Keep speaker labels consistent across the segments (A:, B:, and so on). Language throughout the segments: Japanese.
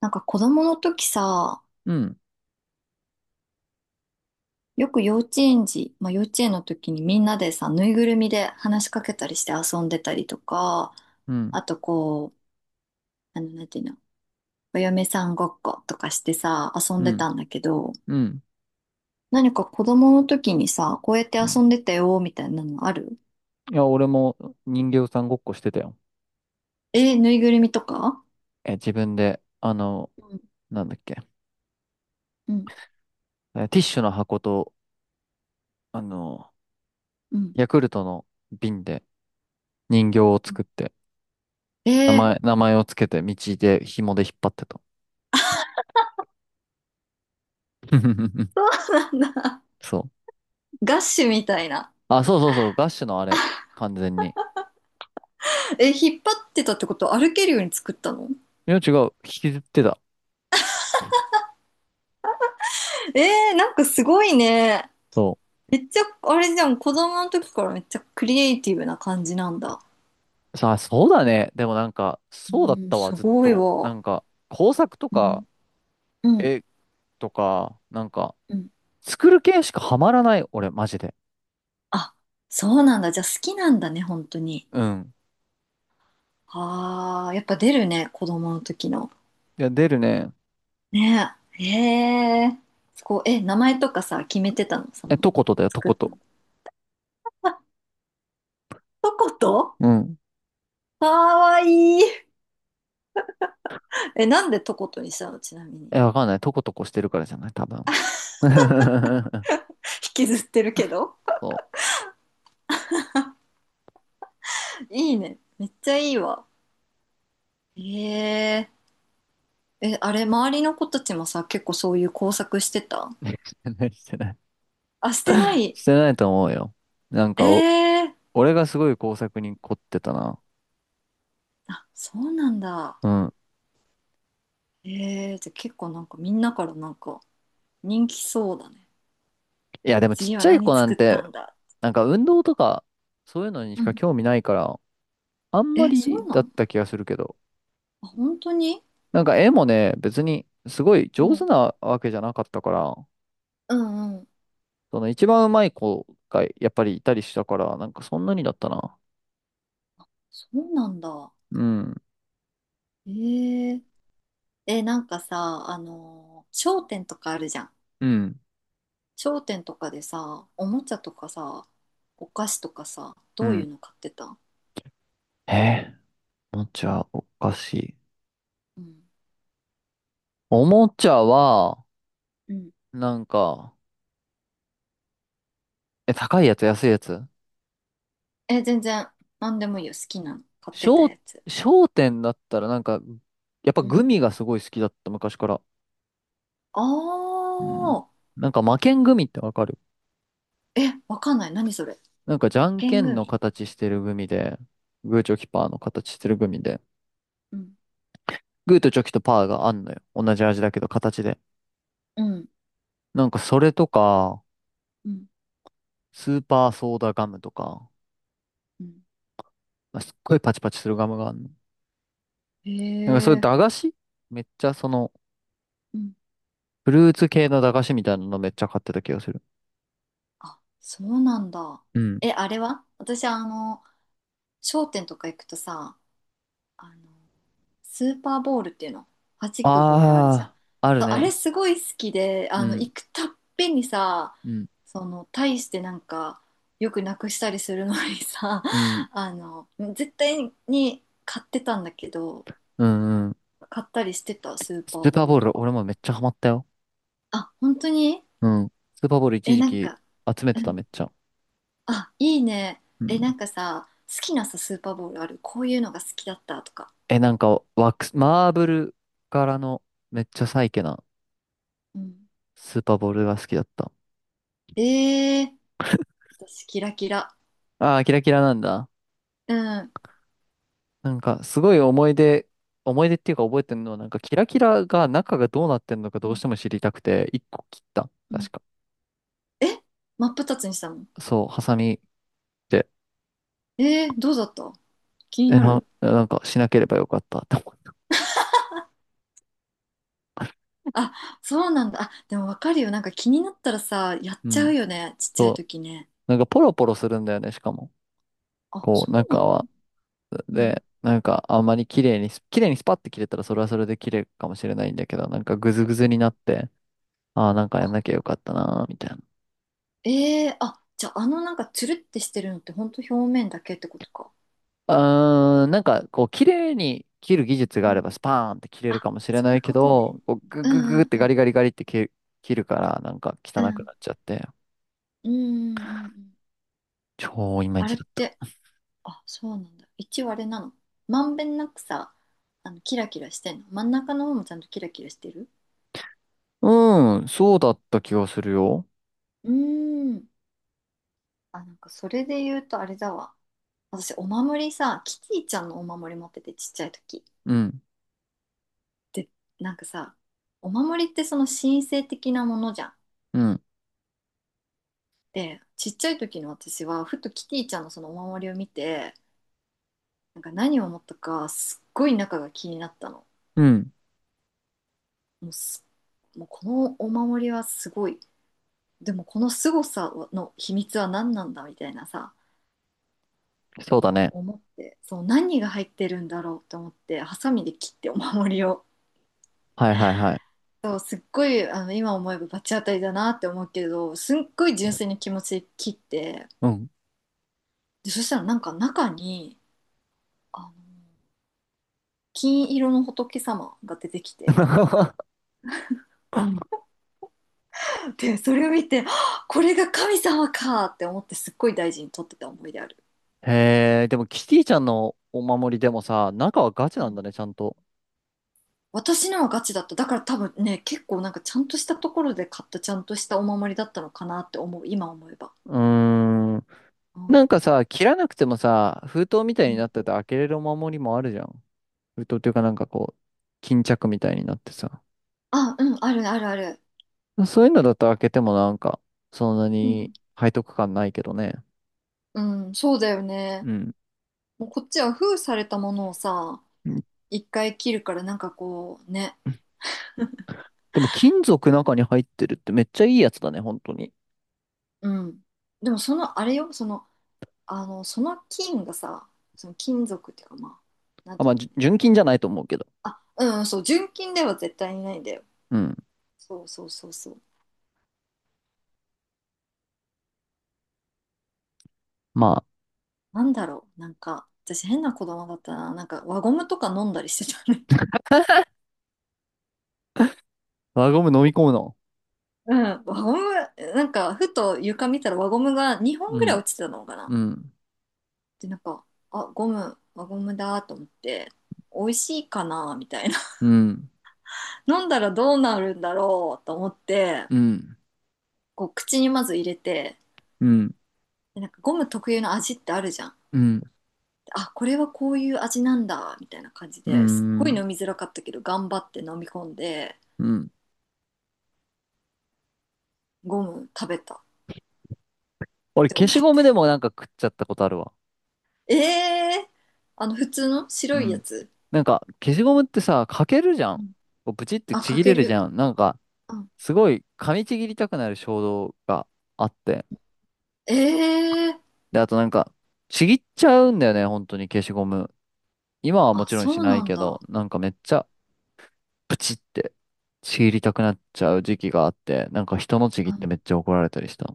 A: なんか子供の時さ、
B: うん、
A: よく幼稚園児、まあ幼稚園の時にみんなでさ、ぬいぐるみで話しかけたりして遊んでたりとか、
B: うん、
A: あとこう、なんていうの、お嫁さんごっことかしてさ、遊ん
B: う
A: で
B: ん、
A: たんだけど、
B: うん、
A: 何か子供の時にさ、こうやって
B: う
A: 遊
B: ん。
A: んでたよ、みたいなのある？
B: いや、俺も人形さんごっこしてたよ。
A: えーぬいぐるみとか？
B: 自分で、
A: うん
B: なんだっけ、
A: うん
B: ティッシュの箱と、あの、
A: うん
B: ヤクルトの瓶で人形を
A: う
B: 作
A: ん。
B: って、
A: えー、
B: 名前をつけて、道で紐で引っ張ってた。
A: そうなんだ。
B: そう。
A: ガッシュみたいな。
B: あ、そうそうそう、ガッシュのあれ、完全に。
A: え、引っ張ってたってこと？歩けるように作ったの？
B: いや、違う、引きずってた。
A: えー、なんかすごいね。
B: そ
A: めっちゃ、あれじゃん、子供の時からめっちゃクリエイティブな感じなんだ。
B: う。さあ、そうだね。でもなんか、
A: う
B: そうだっ
A: ん、
B: たわ、
A: す
B: ずっ
A: ごい
B: と。な
A: わ。
B: んか、工作と
A: う
B: か、
A: ん、うん、
B: 絵とか、なんか、
A: うん。
B: 作る系しかハマらない、俺、マジで。
A: あ、そうなんだ。じゃあ好きなんだね、本当に。
B: うん。
A: ああ、やっぱ出るね、子供の時の。
B: いや、出るね。
A: ねえ。へえ。こうえ、名前とかさ、決めてたの、その、
B: とことだよ、と
A: 作っ
B: こ
A: たの？
B: と。
A: あ、トコト
B: うん。
A: かわいい。え、なんでトコトにしたのちなみに。
B: わかんない。とことこしてるからじゃない多分。
A: 引きずってるけど。
B: そ
A: いいね。めっちゃいいわ。へえ。え、あれ、周りの子たちもさ、結構そういう工作してた？
B: う。してない、してない。
A: あ、してない？
B: してないと思うよ。なん
A: え
B: かお、
A: えー。
B: 俺がすごい工作に凝ってたな。
A: あ、そうなんだ。
B: うん。
A: ええー、じゃあ結構なんかみんなからなんか人気そうだね。
B: いや、でもちっ
A: 次
B: ち
A: は
B: ゃい子
A: 何
B: な
A: 作
B: ん
A: った
B: て、
A: んだ。
B: なんか運動とか、そういうのにし
A: う
B: か
A: ん。
B: 興味ないから、あんま
A: え、そ
B: り
A: うな
B: だっ
A: の？
B: た気がするけど。
A: あ、本当に？
B: なんか絵もね、別にすごい
A: う
B: 上手
A: ん。
B: なわけじゃなかったから、
A: うんうん。
B: その一番うまい子がやっぱりいたりしたから、なんかそんなにだったな。
A: そうなんだ。
B: うん、
A: ええー。え、なんかさ、あのー商店とかあるじゃん。
B: うん、
A: 商店とかでさ、おもちゃとかさ、お菓子とかさ、
B: う
A: どうい
B: ん。
A: うの買ってた？
B: えー、おもちゃおかしい。
A: うん。
B: おもちゃは、
A: うん。
B: なんか、高いやつ、安いやつ
A: え、全然、なんでもいいよ。好きなの。買ってた
B: 商、
A: やつ。
B: 商店だったらなんか、やっぱ
A: う
B: グ
A: ん。
B: ミがすごい好きだった、昔から。
A: あ
B: うん。
A: あ、
B: なんか魔剣グミってわかる？
A: え、わかんない。何それ。
B: なんかじゃ
A: 負
B: ん
A: け
B: け
A: ん
B: んの
A: 組。
B: 形してるグミで、グーチョキパーの形してるグミで、
A: うん。
B: グーとチョキとパーがあんのよ。同じ味だけど形で。
A: うん。
B: なんかそれとか、
A: うん。
B: スーパーソーダガムとか、
A: うん。
B: まあ、すっごいパチパチするガムがあるの。
A: へ
B: なんかそういう駄
A: え。
B: 菓子めっちゃ
A: うん。
B: フルーツ系の駄菓子みたいなのめっちゃ買ってた気がする。
A: あ、そうなんだ。
B: うん。
A: え、あれは私、商店とか行くとさ、あのスーパーボールっていうの、弾くボールあるじゃん。
B: ああ、ある
A: あ
B: ね。
A: れすごい好きで、
B: う
A: あの
B: ん、
A: 行くたっぺんにさ、
B: うん、
A: その大してなんかよくなくしたりするのにさ、
B: うん、
A: あの絶対に買ってたんだけど、
B: うん、うん。
A: 買ったりしてた、スー
B: ス
A: パー
B: ーパー
A: ボール
B: ボー
A: と
B: ル、
A: か。
B: 俺もめっちゃハマったよ。
A: あ本当に？
B: うん。スーパーボール一
A: え
B: 時
A: なん
B: 期
A: か、
B: 集め
A: う
B: てた
A: ん、
B: めっちゃ。
A: あいいね。
B: う
A: えな
B: ん。
A: んかさ好きなさスーパーボールある？こういうのが好きだったとか、
B: なんか、ワックス、マーブル柄のめっちゃサイケな
A: うん、
B: スーパーボールが好きだった。
A: えー、私キラキラ。
B: ああ、キラキラなんだ。
A: うん
B: なんか、すごい思い出っていうか覚えてるのは、なんか、キラキラが中がどうなってんのか
A: う
B: どう
A: ん
B: しても知りたくて、一個切った。
A: うん、
B: 確か。
A: え、真っ二つにしたの？
B: そう、ハサミで、
A: えー、どうだった？気になる。
B: なんか、しなければよかったって思った。
A: あ、そうなんだ。あ、でもわかるよ。なんか気になったらさ、やっ
B: う
A: ちゃ
B: ん。
A: うよね。ちっちゃい
B: そう。
A: 時ね。
B: なんか、ポロポロするんだよね、しかも。
A: あ、
B: こう、
A: そうな
B: 中
A: の？
B: は。
A: うん。
B: で、なんか、あんまり綺麗に綺麗にスパッて切れたら、それはそれで綺麗かもしれないんだけど、なんか、グズグズになって、ああ、なんかやん
A: あ、
B: なきゃよかったなー、みたいな。
A: えー、あ、じゃああのなんかつるってしてるのってほんと表面だけってことか。
B: うーん、なんか、こう、綺麗に切る技術が
A: う
B: あれ
A: ん。
B: ば、スパーンって切れる
A: あ、
B: かもしれ
A: そう
B: な
A: いう
B: いけ
A: ことね。
B: ど、こう、グ
A: う
B: ググ
A: んう
B: グっ
A: ん
B: て
A: う
B: ガ
A: ん。
B: リガリガリって切るから、なんか汚
A: う
B: く
A: ん。
B: なっちゃって、
A: うんうんうんうん。
B: 超イマイ
A: あれ
B: チ
A: っ
B: だった。
A: て、あ、そうなんだ。一応あれなの。まんべんなくさ、あの、キラキラしてんの？真ん中の方もちゃんとキラキラしてる？
B: うん、そうだった気がするよ。
A: うーん。あ、なんかそれで言うとあれだわ。私、お守りさ、キティちゃんのお守り持っててちっちゃい時。
B: うん、
A: で、なんかさ、お守りってその神聖的なものじゃん。
B: うん、
A: で、ちっちゃい時の私は、ふとキティちゃんのそのお守りを見て、なんか何を思ったか、すっごい中が気になったの。
B: うん、
A: もうす、もうこのお守りはすごい。でもこの凄さの秘密は何なんだみたいなさ、
B: そうだね。
A: 思って、そう、何が入ってるんだろうと思って、ハサミで切ってお守りを。
B: はいはいはい。
A: そう、すっごい、今思えば罰当たりだなって思うけど、すっごい純粋に気持ち切って、
B: うん。
A: で、そしたらなんか中に、あの、金色の仏様が出てきて、で、それを見て、はっこれが神様かって思ってすっごい大事に取ってた思い出ある。
B: へえ、でもキティちゃんのお守りでもさ、中はガチ
A: う
B: なんだ
A: ん、
B: ね、ちゃんと。
A: 私のはガチだった。だから多分ね、結構なんかちゃんとしたところで買ったちゃんとしたお守りだったのかなって思う、今思えば。
B: うーん。
A: うん、
B: なんかさ、切らなくてもさ、封筒みたい
A: う
B: に
A: ん。
B: なってて開けれるお守りもあるじゃん。封筒っていうかなんかこう、巾着みたいになってさ。
A: あ、うん、あるあるある。
B: そういうのだと開けてもなんか、そんな
A: う
B: に
A: ん。
B: 背徳感ないけどね。
A: うん、そうだよね。
B: うん。
A: もうこっちは封されたものをさ、
B: うん。
A: 一回切るからなんかこうね、
B: でも金属中に入ってるってめっちゃいいやつだね、本当に。
A: うん。でもそのあれよ、その、その菌がさ、その金属っていうかまあ、なん
B: あ、
A: てい
B: まあ、
A: うのね。
B: 純金じゃないと思うけど。
A: うん、そう、純金では絶対にないんだよ。
B: うん。
A: そうそうそうそう。
B: まあ、
A: なんだろう、なんか、私変な子供だったな。なんか輪ゴムとか飲んだりしてたね。
B: 輪ゴム飲み込むの？
A: うん、輪ゴム、なんかふと床見たら輪ゴムが2本
B: う
A: ぐらい
B: ん、
A: 落ちてたのかな。
B: うん、
A: で、なんか、あ、ゴム、輪ゴムだと思って、美味しいかなみたいな。
B: うん、
A: 飲んだらどうなるんだろうと思って、
B: うん、
A: こう口にまず入れて、
B: うん、
A: でなんかゴム特有の味ってあるじゃん。
B: うん、
A: あ、これはこういう味なんだ、みたいな感じ
B: う
A: ですっごい
B: ん、
A: 飲みづらかったけど、頑張って飲み込んで、
B: うん。
A: ゴム食べたっ
B: 俺、
A: て思
B: 消
A: っ
B: しゴムでもなんか食っちゃったことあるわ。
A: た。えー、あの普通の白
B: う
A: いや
B: ん。
A: つ。
B: なんか、消しゴムってさ、かけるじゃ
A: う
B: ん。
A: ん、
B: こうブチって
A: あ、
B: ち
A: か
B: ぎ
A: け
B: れるじ
A: る。
B: ゃん。なんか、
A: うん、
B: すごい噛みちぎりたくなる衝動があって。
A: えー、
B: で、あとなんか、ちぎっちゃうんだよね、本当に消しゴム。今はも
A: あ、
B: ちろん
A: そ
B: し
A: う
B: な
A: な
B: い
A: ん
B: けど、
A: だ。
B: なんかめっちゃプチってちぎりたくなっちゃう時期があって、なんか人のちぎ
A: う
B: ってめ
A: ん、
B: っちゃ怒られたりした。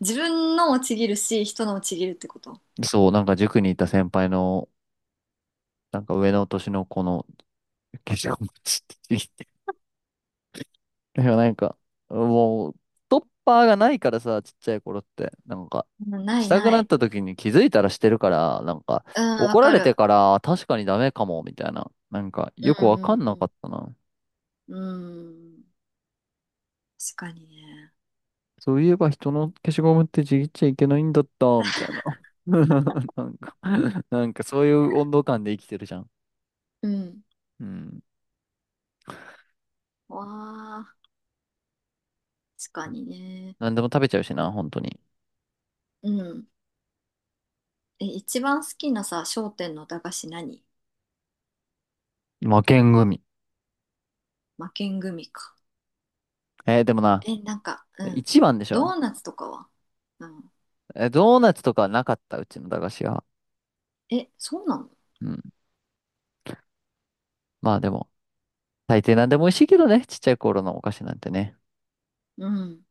A: 自分のもちぎるし、人のもちぎるってこと？
B: そう、なんか塾にいた先輩の、なんか上の年の子の消しゴムちぎってでもなんか、もう、ストッパーがないからさ、ちっちゃい頃って、なんか、
A: うんな
B: し
A: い
B: たく
A: な
B: なっ
A: い。
B: た時に気づいたらしてるから、なんか、
A: うん、わ
B: 怒ら
A: か
B: れて
A: る。
B: から、確かにダメかも、みたいな。なんか、
A: う
B: よくわか
A: ん
B: んなか
A: う
B: ったな。
A: んうん。うん。確かにね。
B: そういえば人の消しゴムってちぎっちゃいけないんだった、みたいな。なんか、なんかそういう温度感で生きてるじゃん。
A: うん。
B: うん。
A: わあ、確かにね。
B: なんでも食べちゃうしな、本当に。
A: うん。え、一番好きなさ、商店の駄菓子何？
B: 負けん組。
A: 負けん組か。
B: でもな、
A: え、なんか、うん。
B: 一番でし
A: ド
B: ょ。
A: ーナツとかは？うん。
B: ドーナツとかはなかった、うちの駄菓子は。
A: え、そうなの？
B: うん。まあでも、大抵何でも美味しいけどね、ちっちゃい頃のお菓子なんてね。
A: うん。